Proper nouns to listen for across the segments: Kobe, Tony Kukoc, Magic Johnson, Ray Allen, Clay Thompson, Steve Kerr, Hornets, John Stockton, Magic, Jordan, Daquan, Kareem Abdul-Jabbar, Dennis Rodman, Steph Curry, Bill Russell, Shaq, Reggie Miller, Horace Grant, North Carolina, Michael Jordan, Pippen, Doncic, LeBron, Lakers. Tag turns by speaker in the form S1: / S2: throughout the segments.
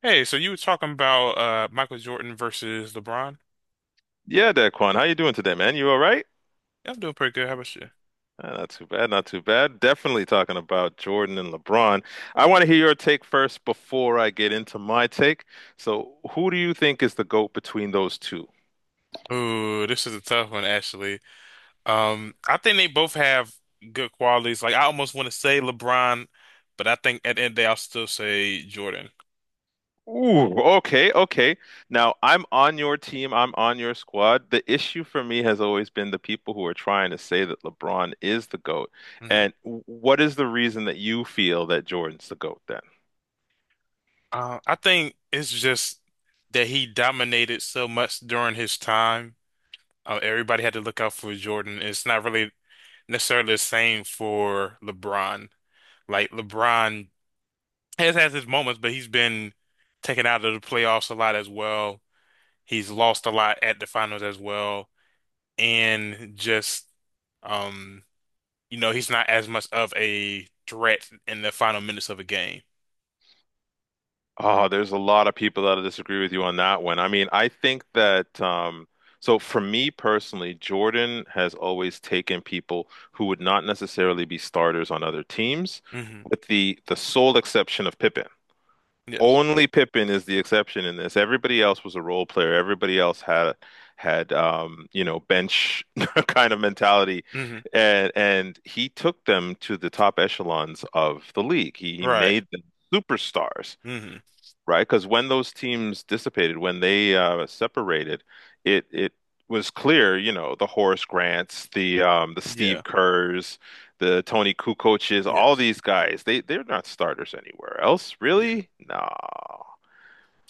S1: Hey, so you were talking about Michael Jordan versus LeBron?
S2: Yeah, Daquan, how you doing today, man? You all right?
S1: Yeah, I'm doing pretty good. How about you?
S2: Not too bad, not too bad. Definitely talking about Jordan and LeBron. I want to hear your take first before I get into my take. So, who do you think is the GOAT between those two?
S1: Ooh, this is a tough one, actually. I think they both have good qualities. Like I almost want to say LeBron, but I think at the end of the day, I'll still say Jordan.
S2: Ooh, okay, okay. Now, I'm on your team. I'm on your squad. The issue for me has always been the people who are trying to say that LeBron is the GOAT.
S1: Mhm.
S2: And what is the reason that you feel that Jordan's the GOAT?
S1: I think it's just that he dominated so much during his time. Everybody had to look out for Jordan. It's not really necessarily the same for LeBron. Like LeBron has his moments, but he's been taken out of the playoffs a lot as well. He's lost a lot at the finals as well, and just um, he's not as much of a threat in the final minutes of a game.
S2: Oh, there's a lot of people that disagree with you on that one. I mean, I think that so for me personally, Jordan has always taken people who would not necessarily be starters on other teams,
S1: Hmm.
S2: with the sole exception of Pippen.
S1: Yes.
S2: Only Pippen is the exception in this. Everybody else was a role player. Everybody else had bench kind of mentality.
S1: Hmm.
S2: And he took them to the top echelons of the league. He
S1: Right.
S2: made them superstars,
S1: Hmm.
S2: right? Because when those teams dissipated, when they separated, it was clear, the Horace Grants, the
S1: Yeah.
S2: Steve Kerrs, the Tony Kukoces, all
S1: Yes.
S2: these guys, they're not starters anywhere else,
S1: Yeah.
S2: really? No,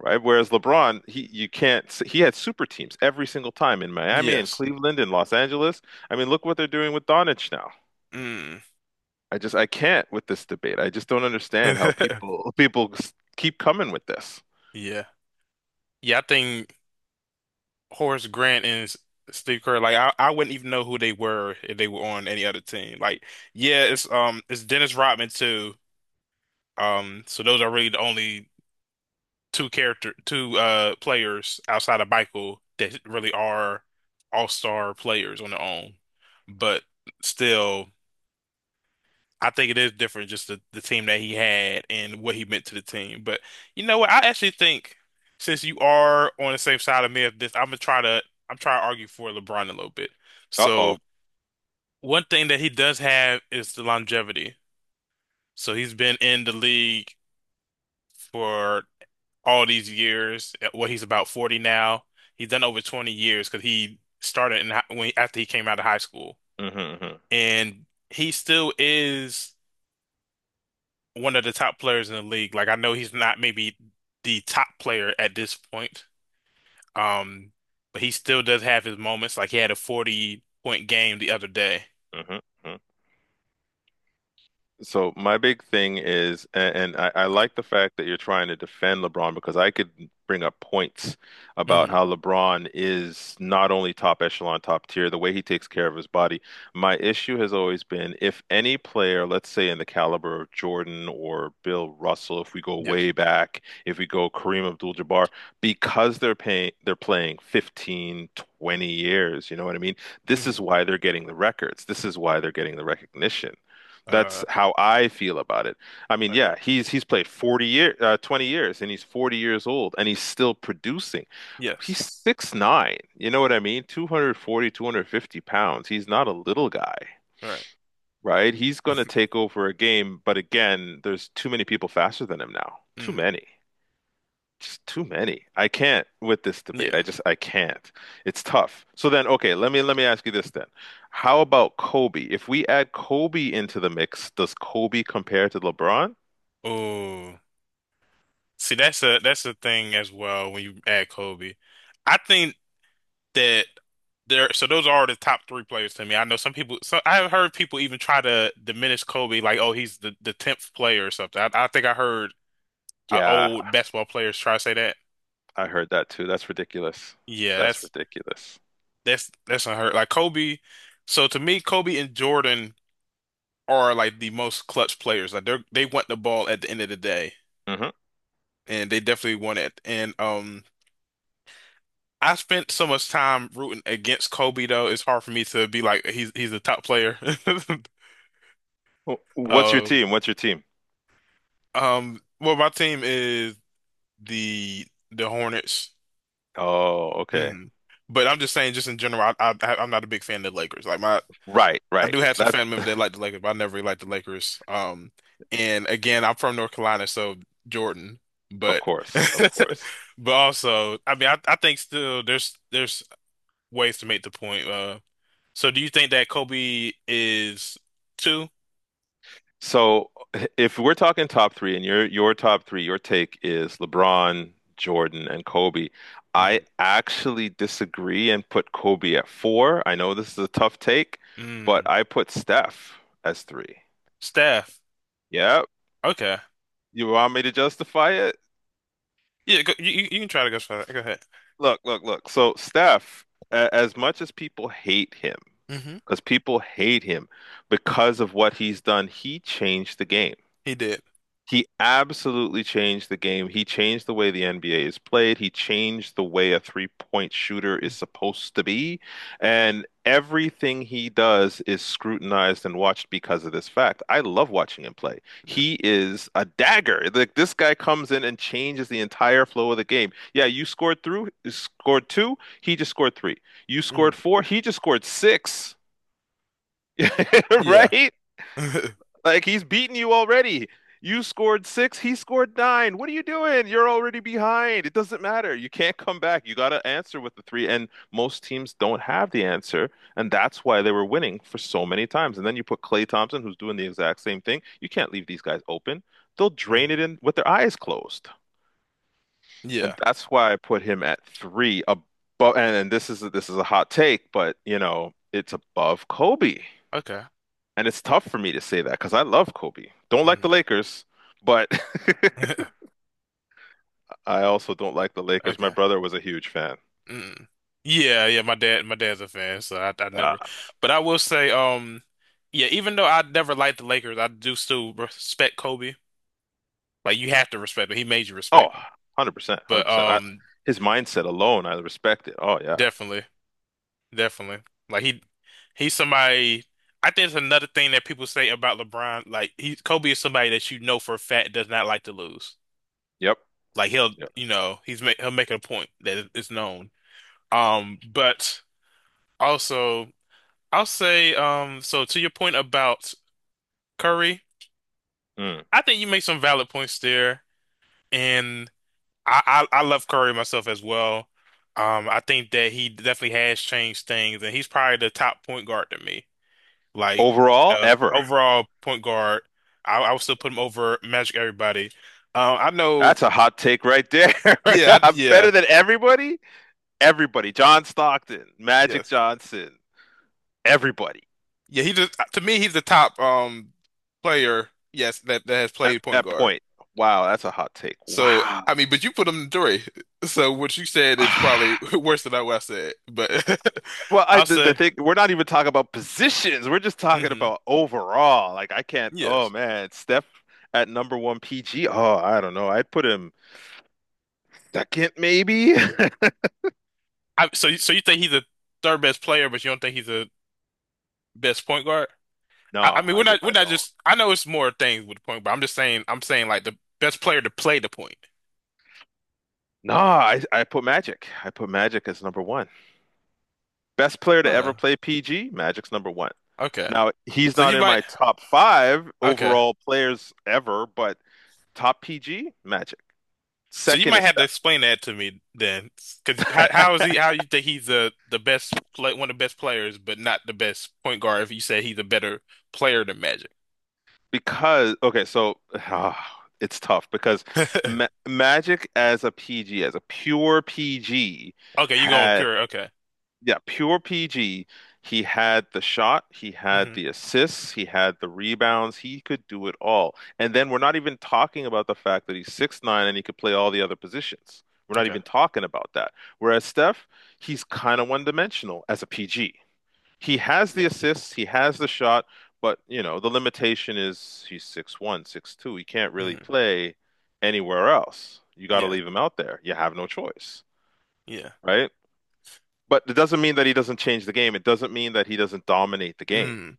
S2: right? Whereas LeBron, he you can't he had super teams every single time in Miami and
S1: Yes.
S2: Cleveland and Los Angeles. I mean, look what they're doing with Doncic now.
S1: Mm.
S2: I can't with this debate. I just don't understand how people keep coming with this.
S1: Yeah. Yeah. I think. Horace Grant and Steve Kerr, like I wouldn't even know who they were if they were on any other team. Like, yeah, it's Dennis Rodman too. So those are really the only two character two players outside of Michael that really are all-star players on their own. But still. I think it is different, just the team that he had and what he meant to the team. But you know what? I actually think since you are on the same side of me of this, I'm trying to argue for LeBron a little bit.
S2: Uh-oh.
S1: So one thing that he does have is the longevity. So he's been in the league for all these years. What Well, he's about 40 now. He's done over 20 years because he started in, when after he came out of high school,
S2: Hmm.
S1: and he still is, one of the top players in the league. Like I know he's not maybe the top player at this point, um, but he still does have his moments. Like he had a 40 point game the other day.
S2: Hmm. Hmm. So my big thing is, and I like the fact that you're trying to defend LeBron because I could bring up points about
S1: Hmm.
S2: how LeBron is not only top echelon, top tier, the way he takes care of his body. My issue has always been if any player, let's say in the caliber of Jordan or Bill Russell, if we go
S1: Yes.
S2: way back, if we go Kareem Abdul-Jabbar, because they're playing 15, 20 years, you know what I mean? This
S1: Hmm.
S2: is why they're getting the records. This is why they're getting the recognition.
S1: Uh,
S2: That's how I feel about it. I mean, yeah,
S1: okay.
S2: he's played 40 years, 20 years and he's 40 years old and he's still producing.
S1: Yes.
S2: He's 6'9", you know what I mean? 240, 250 pounds. He's not a little guy,
S1: All right.
S2: right? He's going to take over a game, but again, there's too many people faster than him now. Too
S1: Mm-hmm.
S2: many, just too many. I can't with this debate.
S1: Yeah.
S2: I can't. It's tough. So then, okay, let me ask you this then. How about Kobe? If we add Kobe into the mix, does Kobe compare to LeBron?
S1: Oh, see, that's a thing as well when you add Kobe. I think that there. So those are the top three players to me. I know some people. So I've heard people even try to diminish Kobe, like, oh, he's the tenth player or something. I think I heard
S2: Yeah,
S1: old basketball players try to say that.
S2: I heard that too. That's ridiculous.
S1: Yeah,
S2: That's
S1: that's
S2: ridiculous.
S1: that's that's unheard. Like Kobe, so to me, Kobe and Jordan are like the most clutch players. Like they want the ball at the end of the day,
S2: Hmm.
S1: and they definitely want it. And I spent so much time rooting against Kobe though. It's hard for me to be like he's a top player.
S2: What's your
S1: Uh,
S2: team? What's your team?
S1: well, my team is the the Hornets.
S2: Oh, okay.
S1: Mhm. But I'm just saying, just in general, I'm not a big fan of the Lakers. Like my
S2: Right,
S1: I
S2: right.
S1: do have some
S2: That
S1: family members that like the Lakers, but I never really liked the Lakers. And again, I'm from North Carolina, so Jordan.
S2: Of
S1: But
S2: course, of course.
S1: but also, I mean, I think still there's ways to make the point. So do you think that Kobe is two?
S2: So if we're talking top three and your top three, your take is LeBron, Jordan, and Kobe. I
S1: Mm,
S2: actually disagree and put Kobe at four. I know this is a tough take, but
S1: mm,
S2: I put Steph as three.
S1: Steph.
S2: Yeah,
S1: Okay.
S2: you want me to justify it?
S1: Yeah, go, you can try to go for that. Go ahead.
S2: Look, look, look. So Steph, as much as people hate him,
S1: Hmm.
S2: because people hate him because of what he's done, he changed the game.
S1: He did.
S2: He absolutely changed the game. He changed the way the NBA is played. He changed the way a three-point shooter is
S1: Mm.
S2: supposed to be. And everything he does is scrutinized and watched because of this fact. I love watching him play.
S1: Yeah.
S2: He is a dagger. Like this guy comes in and changes the entire flow of the game. Yeah, you scored two, he just scored three. You
S1: Mm,
S2: scored four, he just scored six. Right?
S1: yeah.
S2: Like he's beaten you already. You scored six, he scored nine. What are you doing? You're already behind. It doesn't matter. You can't come back. You got to answer with the three, and most teams don't have the answer, and that's why they were winning for so many times. And then you put Clay Thompson, who's doing the exact same thing. You can't leave these guys open. They'll
S1: Mm,
S2: drain it in with their eyes closed, and
S1: yeah.
S2: that's why I put him at three above. And this is a hot take, but you know it's above Kobe.
S1: Okay.
S2: And it's tough for me to say that because I love Kobe. Don't like the
S1: Mm.
S2: Lakers, but I also don't like the Lakers. My
S1: Okay.
S2: brother was a huge fan.
S1: Mm. Yeah, yeah, my dad's a fan, so I
S2: Uh,
S1: never. But I will say yeah, even though I never liked the Lakers, I do still respect Kobe. Like you have to respect him. He made you
S2: oh,
S1: respect him.
S2: 100%,
S1: But
S2: 100%. His mindset alone, I respect it. Oh, yeah.
S1: definitely, definitely. Like he's somebody. I think it's another thing that people say about LeBron, like he Kobe is somebody that you know for a fact does not like to lose.
S2: Yep.
S1: Like he'll,
S2: Yep.
S1: you know, he's make he'll make a point that is known. But also I'll say, so to your point about Curry,
S2: Mm.
S1: I think you make some valid points there, and I love Curry myself as well. I think that he definitely has changed things, and he's probably the top point guard to me. Like,
S2: Overall, ever.
S1: overall point guard, I would still put him over Magic everybody. I know,
S2: That's a hot take right there.
S1: yeah,
S2: I'm
S1: yeah,
S2: better than everybody. Everybody. John Stockton, Magic
S1: yes,
S2: Johnson, everybody
S1: yeah. He just to me, he's the top player, yes, that has
S2: at
S1: played point
S2: that
S1: guard.
S2: point. Wow, that's a hot take.
S1: So,
S2: Wow.
S1: I mean, but you put them in three. So what you said is probably worse than what I said. But
S2: Well, I
S1: I'll
S2: the, the
S1: say,
S2: thing, we're not even talking about positions. We're just talking
S1: hmm
S2: about overall. Like I can't. Oh
S1: yes.
S2: man, Steph at number one PG. Oh, I don't know. I'd put him second maybe.
S1: So you think he's the third best player, but you don't think he's the best point guard? I
S2: No,
S1: mean, we're
S2: I, d
S1: not, we're
S2: I
S1: not
S2: don't.
S1: just. I know it's more things with the point, but I'm saying like the best player to play the point.
S2: No, I put Magic. I put Magic as number one. Best player to ever
S1: Huh.
S2: play PG. Magic's number one.
S1: Okay.
S2: Now he's
S1: So
S2: not
S1: you
S2: in
S1: might.
S2: my top five
S1: Okay.
S2: overall players ever, but top PG Magic.
S1: So you
S2: Second
S1: might
S2: is
S1: have to explain that to me then, because how,
S2: Steph.
S1: how is he? How you think he's one of the best players, but not the best point guard? If you say he's a better player than Magic,
S2: Because okay, so it's tough because
S1: okay,
S2: Ma Magic as a PG, as a pure PG,
S1: you're going
S2: had,
S1: pure. Okay.
S2: yeah, pure PG. He had the shot, he had
S1: Hmm.
S2: the assists, he had the rebounds. He could do it all. And then we're not even talking about the fact that he's 6'9" and he could play all the other positions. We're not
S1: Okay,
S2: even talking about that. Whereas Steph, he's kind of one-dimensional as a PG. He has the
S1: yeah.
S2: assists, he has the shot, but the limitation is he's 6'1", 6'2". He can't really
S1: Hmm.
S2: play anywhere else. You got to
S1: Yeah,
S2: leave him out there. You have no choice,
S1: yeah.
S2: right? But it doesn't mean that he doesn't change the game. It doesn't mean that he doesn't dominate the game,
S1: Mm.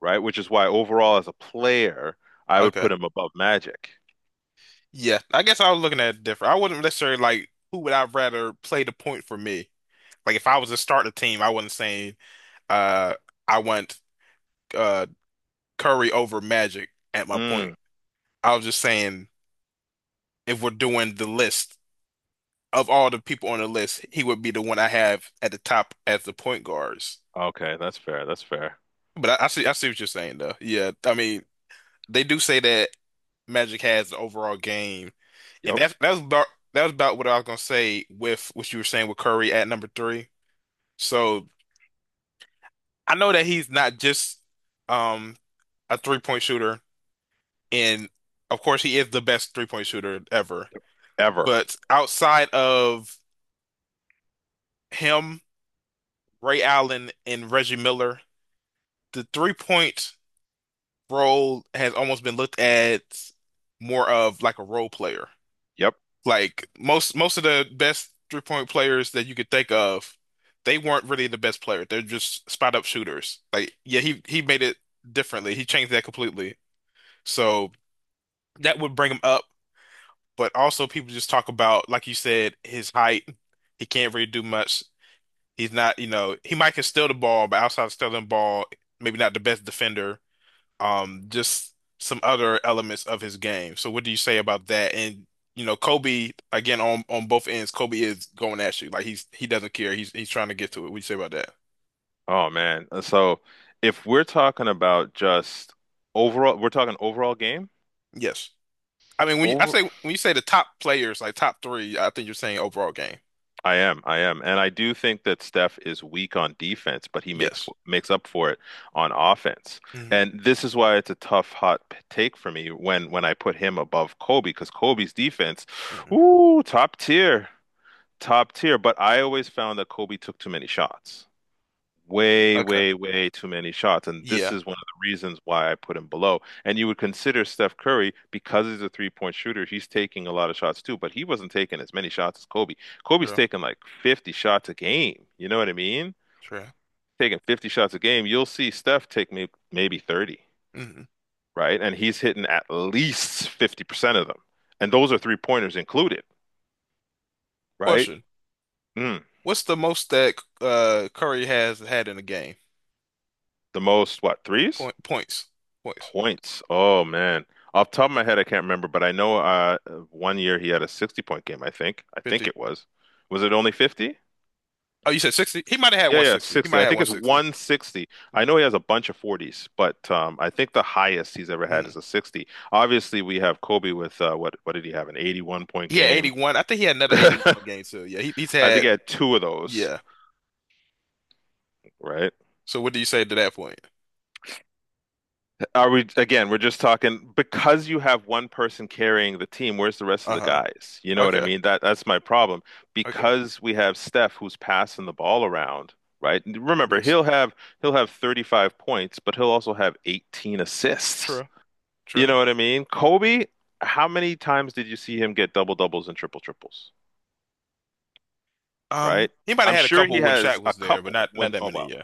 S2: right? Which is why overall as a player, I would
S1: Okay,
S2: put him above Magic.
S1: yeah. I guess I was looking at it different. I wouldn't necessarily like who would I rather play the point for me. Like if I was to start a team, I wasn't saying uh I want uh Curry over Magic at my point.
S2: Mm,
S1: I was just saying, if we're doing the list of all the people on the list, he would be the one I have at the top as the point guards.
S2: okay, that's fair. That's fair.
S1: But I see what you're saying, though. Yeah, I mean, they do say that Magic has the overall game, and
S2: Yep.
S1: that was about what I was gonna say with what you were saying with Curry at number three. So I know that he's not just um a three-point shooter, and of course he is the best three-point shooter ever.
S2: Ever.
S1: But outside of him, Ray Allen and Reggie Miller, the three-point role has almost been looked at more of like a role player.
S2: Yep.
S1: Like most of the best three-point players that you could think of, they weren't really the best player. They're just spot up shooters. Like yeah, he made it differently. He changed that completely. So that would bring him up. But also people just talk about, like you said, his height. He can't really do much. He's not, you know, he might can steal the ball, but outside of stealing the ball, maybe not the best defender. Just some other elements of his game. So what do you say about that? And Kobe again on both ends, Kobe is going at you like he doesn't care. He's trying to get to it. What do you say about that?
S2: Oh man. So if we're talking about just overall, we're talking overall game.
S1: Yes. I mean,
S2: Over
S1: when you say the top players, like top three, I think you're saying overall game.
S2: I am, and I do think that Steph is weak on defense, but he makes
S1: Yes.
S2: makes up for it on offense.
S1: Hmm.
S2: And this is why it's a tough hot take for me when I put him above Kobe because Kobe's defense,
S1: Hmm.
S2: ooh, top tier, top tier. But I always found that Kobe took too many shots way,
S1: Okay.
S2: way, way too many shots. And this
S1: Yeah.
S2: is one of the reasons why I put him below. And you would consider Steph Curry, because he's a three-point shooter, he's taking a lot of shots too, but he wasn't taking as many shots as Kobe. Kobe's
S1: True.
S2: taking like 50 shots a game. You know what I mean?
S1: True.
S2: Taking 50 shots a game, you'll see Steph take maybe 30,
S1: Hmm.
S2: right? And he's hitting at least 50% of them. And those are three-pointers included, right?
S1: Question:
S2: Mm,
S1: What's the most that Curry has had in a game?
S2: the most, what, threes?
S1: Point points. Points.
S2: Points. Oh man. Off the top of my head, I can't remember, but I know one year he had a 60 point game, I think. I think
S1: 50.
S2: it was. Was it only 50?
S1: Oh, you said 60? He might have had
S2: Yeah, yeah,
S1: 160. He might
S2: 60. I
S1: have had
S2: think it's
S1: 160.
S2: 160. I know he has a bunch of 40s, but I think the highest he's ever had is a 60. Obviously, we have Kobe with what did he have? An 81 point
S1: He had
S2: game.
S1: 81. I think he had another eighty
S2: I
S1: one game too. Yeah, he's
S2: think he
S1: had
S2: had two of those,
S1: yeah.
S2: right?
S1: So what do you say to that point?
S2: Are we again? We're just talking because you have one person carrying the team. Where's the rest of the
S1: Uh-huh.
S2: guys? You know what I
S1: Okay.
S2: mean? That's my problem.
S1: Okay.
S2: Because we have Steph who's passing the ball around, right? And remember,
S1: Yes.
S2: he'll have 35 points, but he'll also have 18 assists.
S1: True.
S2: You
S1: True.
S2: know what I mean? Kobe, how many times did you see him get double doubles and triple triples? Right?
S1: He might have
S2: I'm
S1: had a
S2: sure he
S1: couple when
S2: has
S1: Shaq
S2: a
S1: was there, but
S2: couple
S1: not
S2: when,
S1: that
S2: oh
S1: many.
S2: well,
S1: Yeah.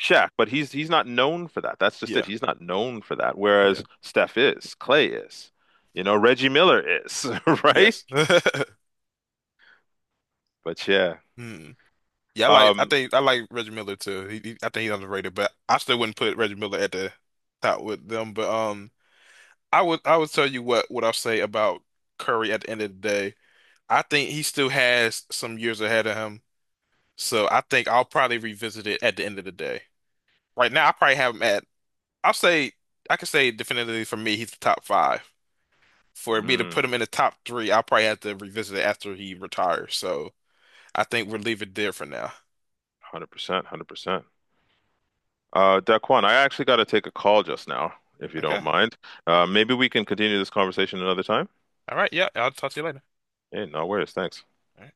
S2: Shaq, but he's not known for that. That's just
S1: Yeah.
S2: it. He's not known for that.
S1: Yeah.
S2: Whereas Steph is, Clay is, Reggie Miller is, right?
S1: Yes.
S2: But yeah,
S1: Hmm. Yeah, I
S2: um,
S1: think I like Reggie Miller too. I think he's underrated, but I still wouldn't put Reggie Miller at the top with them. But I would tell you what I'll say about Curry at the end of the day. I think he still has some years ahead of him. So I think I'll probably revisit it at the end of the day. Right now, I probably have him at, I'll say, I can say definitively for me, he's the top five. For me to put
S2: mm,
S1: him in the top three, I'll probably have to revisit it after he retires. So I think we'll leave it there for now.
S2: 100%, 100%. Daquan, I actually got to take a call just now, if you don't
S1: Okay.
S2: mind. Maybe we can continue this conversation another time.
S1: All right. Yeah. I'll talk to you later.
S2: Hey, no worries. Thanks.
S1: All right.